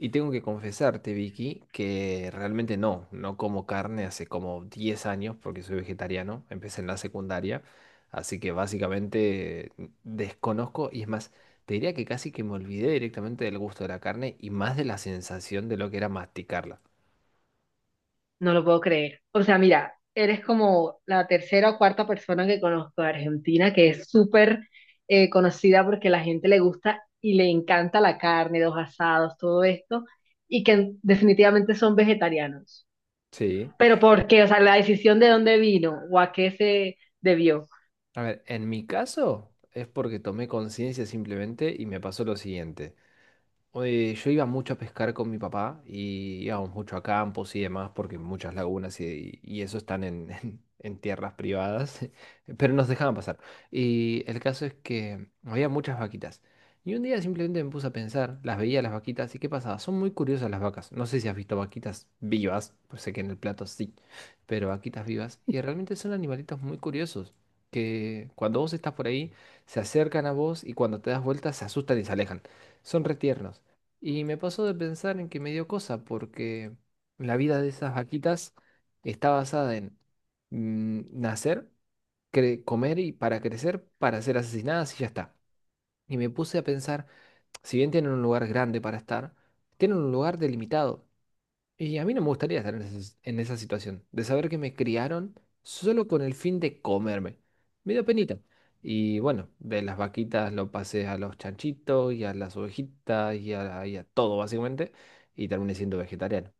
Y tengo que confesarte, Vicky, que realmente no como carne hace como 10 años porque soy vegetariano. Empecé en la secundaria, así que básicamente desconozco. Y es más, te diría que casi que me olvidé directamente del gusto de la carne y más de la sensación de lo que era masticarla. No lo puedo creer. O sea, mira, eres como la tercera o cuarta persona que conozco de Argentina que es súper conocida porque la gente le gusta y le encanta la carne, los asados, todo esto, y que definitivamente son vegetarianos. Sí. Pero ¿por qué? O sea, la decisión de dónde vino o a qué se debió. A ver, en mi caso es porque tomé conciencia simplemente y me pasó lo siguiente. Yo iba mucho a pescar con mi papá y íbamos mucho a campos y demás porque muchas lagunas y eso están en, en tierras privadas, pero nos dejaban pasar. Y el caso es que había muchas vaquitas. Y un día simplemente me puse a pensar, las veía las vaquitas y qué pasaba. Son muy curiosas las vacas. No sé si has visto vaquitas vivas, pues sé que en el plato sí, pero vaquitas vivas. Y realmente son animalitos muy curiosos que, cuando vos estás por ahí, se acercan a vos, y cuando te das vuelta se asustan y se alejan. Son retiernos, y me pasó de pensar en que me dio cosa, porque la vida de esas vaquitas está basada en nacer, comer y para crecer, para ser asesinadas y ya está. Y me puse a pensar, si bien tienen un lugar grande para estar, tienen un lugar delimitado. Y a mí no me gustaría estar en esa situación, de saber que me criaron solo con el fin de comerme. Me dio penita. Y bueno, de las vaquitas lo pasé a los chanchitos y a las ovejitas y a todo básicamente, y terminé siendo vegetariano.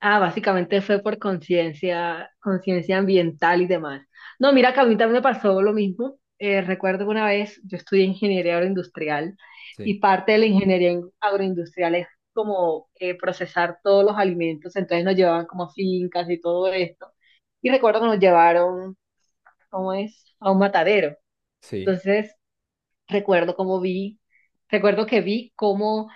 Ah, básicamente fue por conciencia, conciencia ambiental y demás. No, mira que a mí también me pasó lo mismo. Recuerdo que una vez yo estudié ingeniería agroindustrial Sí, y parte de la ingeniería agroindustrial es como procesar todos los alimentos. Entonces nos llevaban como a fincas y todo esto. Y recuerdo que nos llevaron, ¿cómo es? A un matadero. sí, Entonces recuerdo cómo vi, recuerdo que vi cómo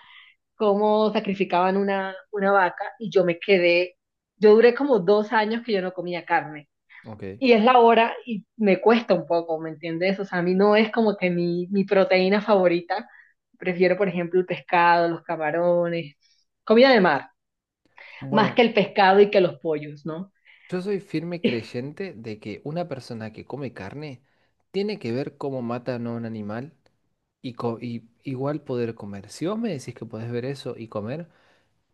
cómo sacrificaban una vaca y yo duré como 2 años que yo no comía carne. ok. Y es la hora y me cuesta un poco, ¿me entiendes? O sea, a mí no es como que mi proteína favorita. Prefiero, por ejemplo, el pescado, los camarones, comida de mar, más que Bueno, el pescado y que los pollos, ¿no? yo soy firme creyente de que una persona que come carne tiene que ver cómo mata no a un animal y igual poder comer. Si vos me decís que podés ver eso y comer,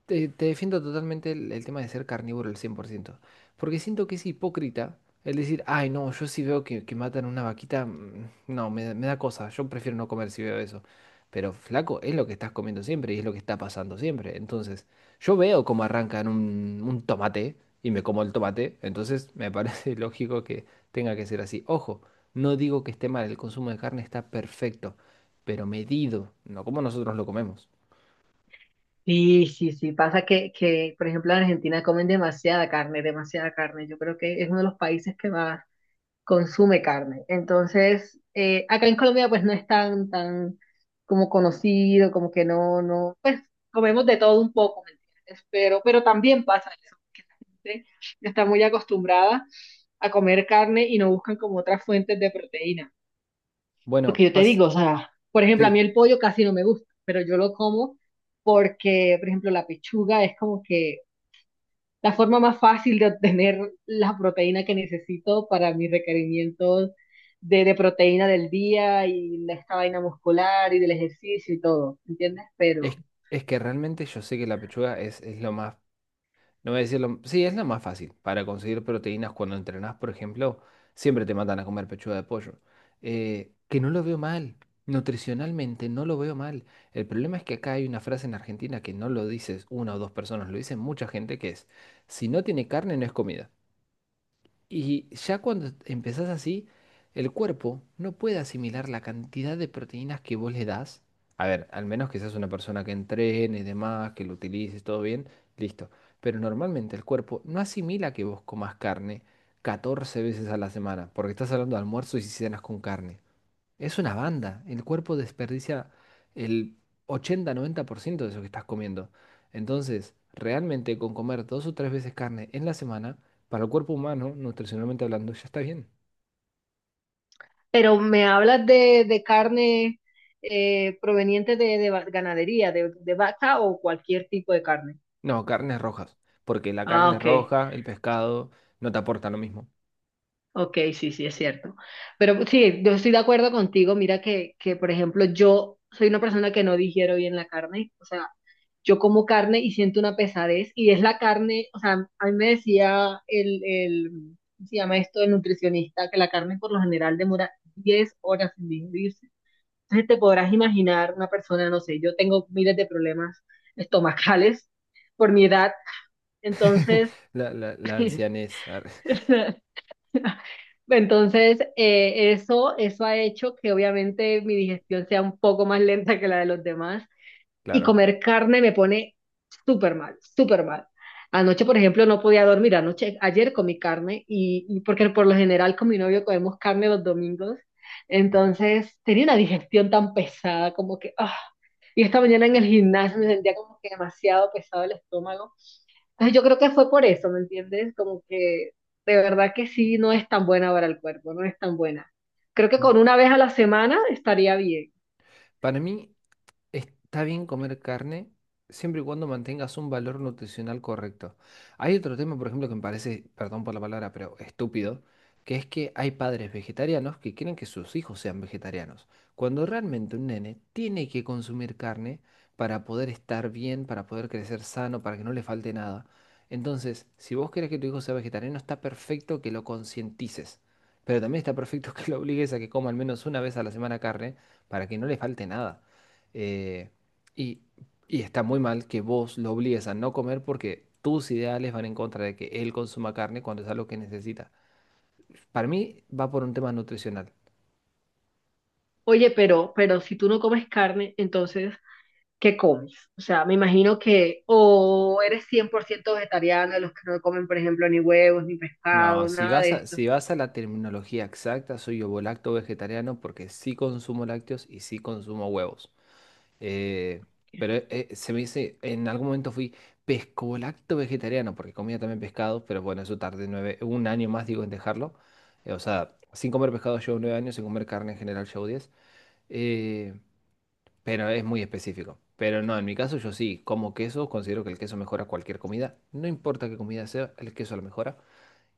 te defiendo totalmente el tema de ser carnívoro al 100%, porque siento que es hipócrita el decir, ay, no, yo si veo que matan una vaquita, no, me da cosa, yo prefiero no comer si veo eso. Pero flaco, es lo que estás comiendo siempre y es lo que está pasando siempre. Entonces, yo veo cómo arrancan un tomate y me como el tomate, entonces me parece lógico que tenga que ser así. Ojo, no digo que esté mal, el consumo de carne está perfecto, pero medido, no como nosotros lo comemos. Sí, sí, sí, pasa que, por ejemplo, en Argentina comen demasiada carne, demasiada carne. Yo creo que es uno de los países que más consume carne. Entonces, acá en Colombia pues no es tan como conocido, como que no, no, pues comemos de todo un poco, ¿me entiendes? Pero también pasa eso, que la gente está muy acostumbrada a comer carne y no buscan como otras fuentes de proteína. Bueno, Porque yo te paz. digo, o sea, por ejemplo, a mí Sí. el pollo casi no me gusta, pero yo lo como porque, por ejemplo, la pechuga es como que la forma más fácil de obtener la proteína que necesito para mis requerimientos de proteína del día y de esta vaina muscular y del ejercicio y todo, ¿entiendes? Pero, Es, es que realmente yo sé que la pechuga es lo más, no voy a decir lo, sí, es lo más fácil para conseguir proteínas cuando entrenás, por ejemplo, siempre te mandan a comer pechuga de pollo. Que no lo veo mal, nutricionalmente no lo veo mal. El problema es que acá hay una frase en Argentina que no lo dices una o dos personas, lo dicen mucha gente, que es, si no tiene carne no es comida. Y ya cuando empezás así, el cuerpo no puede asimilar la cantidad de proteínas que vos le das. A ver, al menos que seas una persona que entrene y demás, que lo utilices, todo bien, listo. Pero normalmente el cuerpo no asimila que vos comas carne 14 veces a la semana, porque estás hablando de almuerzo y si cenas con carne. Es una banda. El cuerpo desperdicia el 80-90% de eso que estás comiendo. Entonces, realmente con comer dos o tres veces carne en la semana, para el cuerpo humano, nutricionalmente hablando, ya está bien. pero me hablas de carne proveniente de ganadería, de vaca o cualquier tipo de carne. No, carnes rojas. Porque la Ah, carne ok. roja, el pescado, no te aporta lo mismo. Ok, sí, sí, es cierto. Pero pues, sí, yo estoy de acuerdo contigo. Mira que, por ejemplo, yo soy una persona que no digiero bien la carne. O sea, yo como carne y siento una pesadez. Y es la carne, o sea, a mí me decía el, ¿cómo se llama esto? El nutricionista, que la carne por lo general demora 10 horas en digerirse. Entonces te podrás imaginar una persona, no sé, yo tengo miles de problemas estomacales por mi edad. Entonces, La, la, la ancianez, entonces, eso, eso ha hecho que obviamente mi digestión sea un poco más lenta que la de los demás y claro. comer carne me pone súper mal, súper mal. Anoche, por ejemplo, no podía dormir. Anoche, ayer comí carne y porque por lo general con mi novio comemos carne los domingos. Ok. Entonces, tenía una digestión tan pesada como que, ah. Y esta mañana en el gimnasio me sentía como que demasiado pesado el estómago. Entonces yo creo que fue por eso, ¿me entiendes? Como que de verdad que sí, no es tan buena para el cuerpo, no es tan buena. Creo que Mm. con una vez a la semana estaría bien. Para mí, está bien comer carne siempre y cuando mantengas un valor nutricional correcto. Hay otro tema, por ejemplo, que me parece, perdón por la palabra, pero estúpido, que es que hay padres vegetarianos que quieren que sus hijos sean vegetarianos, cuando realmente un nene tiene que consumir carne para poder estar bien, para poder crecer sano, para que no le falte nada. Entonces, si vos querés que tu hijo sea vegetariano, está perfecto que lo concientices, pero también está perfecto que lo obligues a que coma al menos una vez a la semana carne para que no le falte nada, eh, y, y está muy mal que vos lo obligues a no comer porque tus ideales van en contra de que él consuma carne cuando es algo que necesita. Para mí va por un tema nutricional. Oye, pero si tú no comes carne, entonces, ¿qué comes? O sea, me imagino que o eres 100% vegetariano, de los que no comen, por ejemplo, ni huevos, ni No, pescado, si nada vas de a, esto, si vas a la terminología exacta, soy ovolacto vegetariano porque sí consumo lácteos y sí consumo huevos. Eh, pero se me dice, en algún momento fui pescolacto vegetariano, porque comía también pescado, pero bueno, eso tardé nueve, un año más, digo, en dejarlo. O sea, sin comer pescado llevo 9 años, sin comer carne en general llevo 10. Eh, pero es muy específico. Pero no, en mi caso yo sí, como queso, considero que el queso mejora cualquier comida. No importa qué comida sea, el queso la mejora.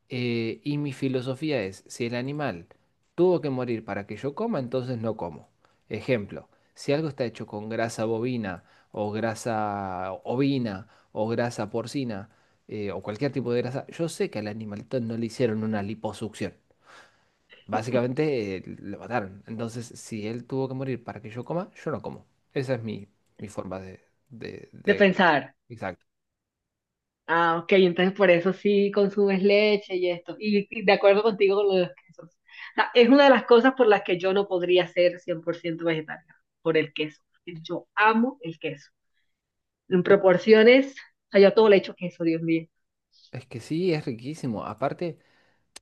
Y mi filosofía es, si el animal tuvo que morir para que yo coma, entonces no como. Ejemplo, si algo está hecho con grasa bovina o grasa ovina o grasa porcina, o cualquier tipo de grasa, yo sé que al animalito no le hicieron una liposucción. Básicamente lo mataron. Entonces, si él tuvo que morir para que yo coma, yo no como. Esa es mi forma de, de, de de... pensar. Exacto. Ah, ok, entonces por eso sí consumes leche y esto. Y de acuerdo contigo con lo de los quesos. O sea, es una de las cosas por las que yo no podría ser 100% vegetariana, por el queso. Yo amo el queso. En Y proporciones, o sea, yo a todo le echo queso, Dios mío. es que sí, es riquísimo. Aparte.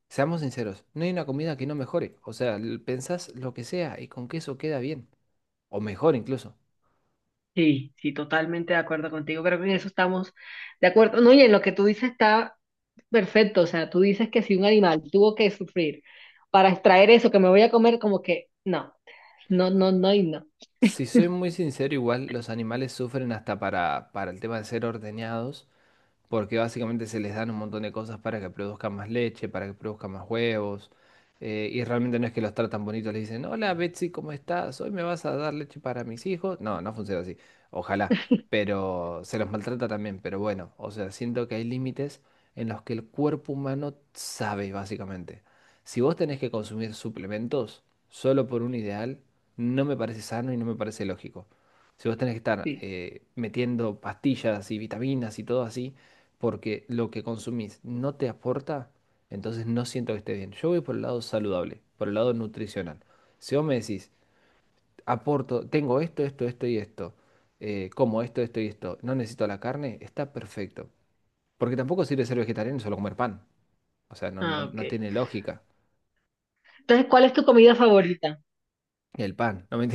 Seamos sinceros, no hay una comida que no mejore. O sea, pensás lo que sea y con queso queda bien. O mejor incluso. Sí, sí, totalmente de acuerdo contigo, pero en eso estamos de acuerdo. No, y en lo que tú dices está perfecto. O sea, tú dices que si un animal tuvo que sufrir para extraer eso que me voy a comer, como que no, no, no, no y no. Si soy muy sincero, igual los animales sufren hasta para el tema de ser ordeñados, porque básicamente se les dan un montón de cosas para que produzcan más leche, para que produzcan más huevos, y realmente no es que los tratan bonitos. Les dicen, hola Betsy, ¿cómo estás? ¿Hoy me vas a dar leche para mis hijos? No, no funciona así. Ojalá, pero se los maltrata también. Pero bueno, o sea, siento que hay límites en los que el cuerpo humano sabe, básicamente. Si vos tenés que consumir suplementos solo por un ideal, no me parece sano y no me parece lógico. Si vos tenés que estar Sí. Metiendo pastillas y vitaminas y todo así, porque lo que consumís no te aporta, entonces no siento que esté bien. Yo voy por el lado saludable, por el lado nutricional. Si vos me decís, aporto, tengo esto, esto, esto y esto, como esto y esto, no necesito la carne, está perfecto. Porque tampoco sirve ser vegetariano y solo comer pan. O sea, no, no, Ah, no ok. tiene lógica. Entonces, ¿cuál es tu comida favorita? El pan, no me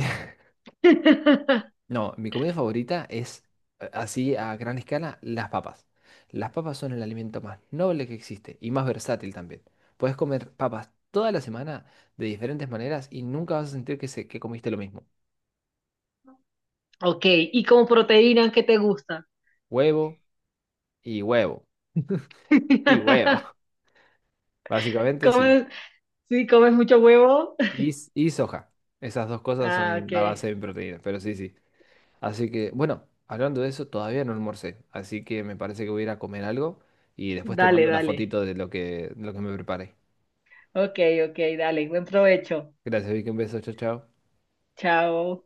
No, mi comida favorita es, así a gran escala, las papas. Las papas son el alimento más noble que existe y más versátil también. Puedes comer papas toda la semana de diferentes maneras y nunca vas a sentir que, se, que comiste lo mismo. Ok, y como proteína, ¿qué te gusta? Huevo y huevo y huevo. Básicamente sí. ¿Comes, sí, comes mucho huevo? Y, s- y soja. Esas dos cosas Ah, son ok. la base de mi proteína, pero sí, sí. Así que, bueno, hablando de eso, todavía no almorcé. Así que me parece que voy a ir a comer algo y después te Dale, mando una dale. fotito de lo que me preparé. Ok, ok, dale. Buen provecho. Gracias, Vicky. Un beso. Chao, chao. Chao.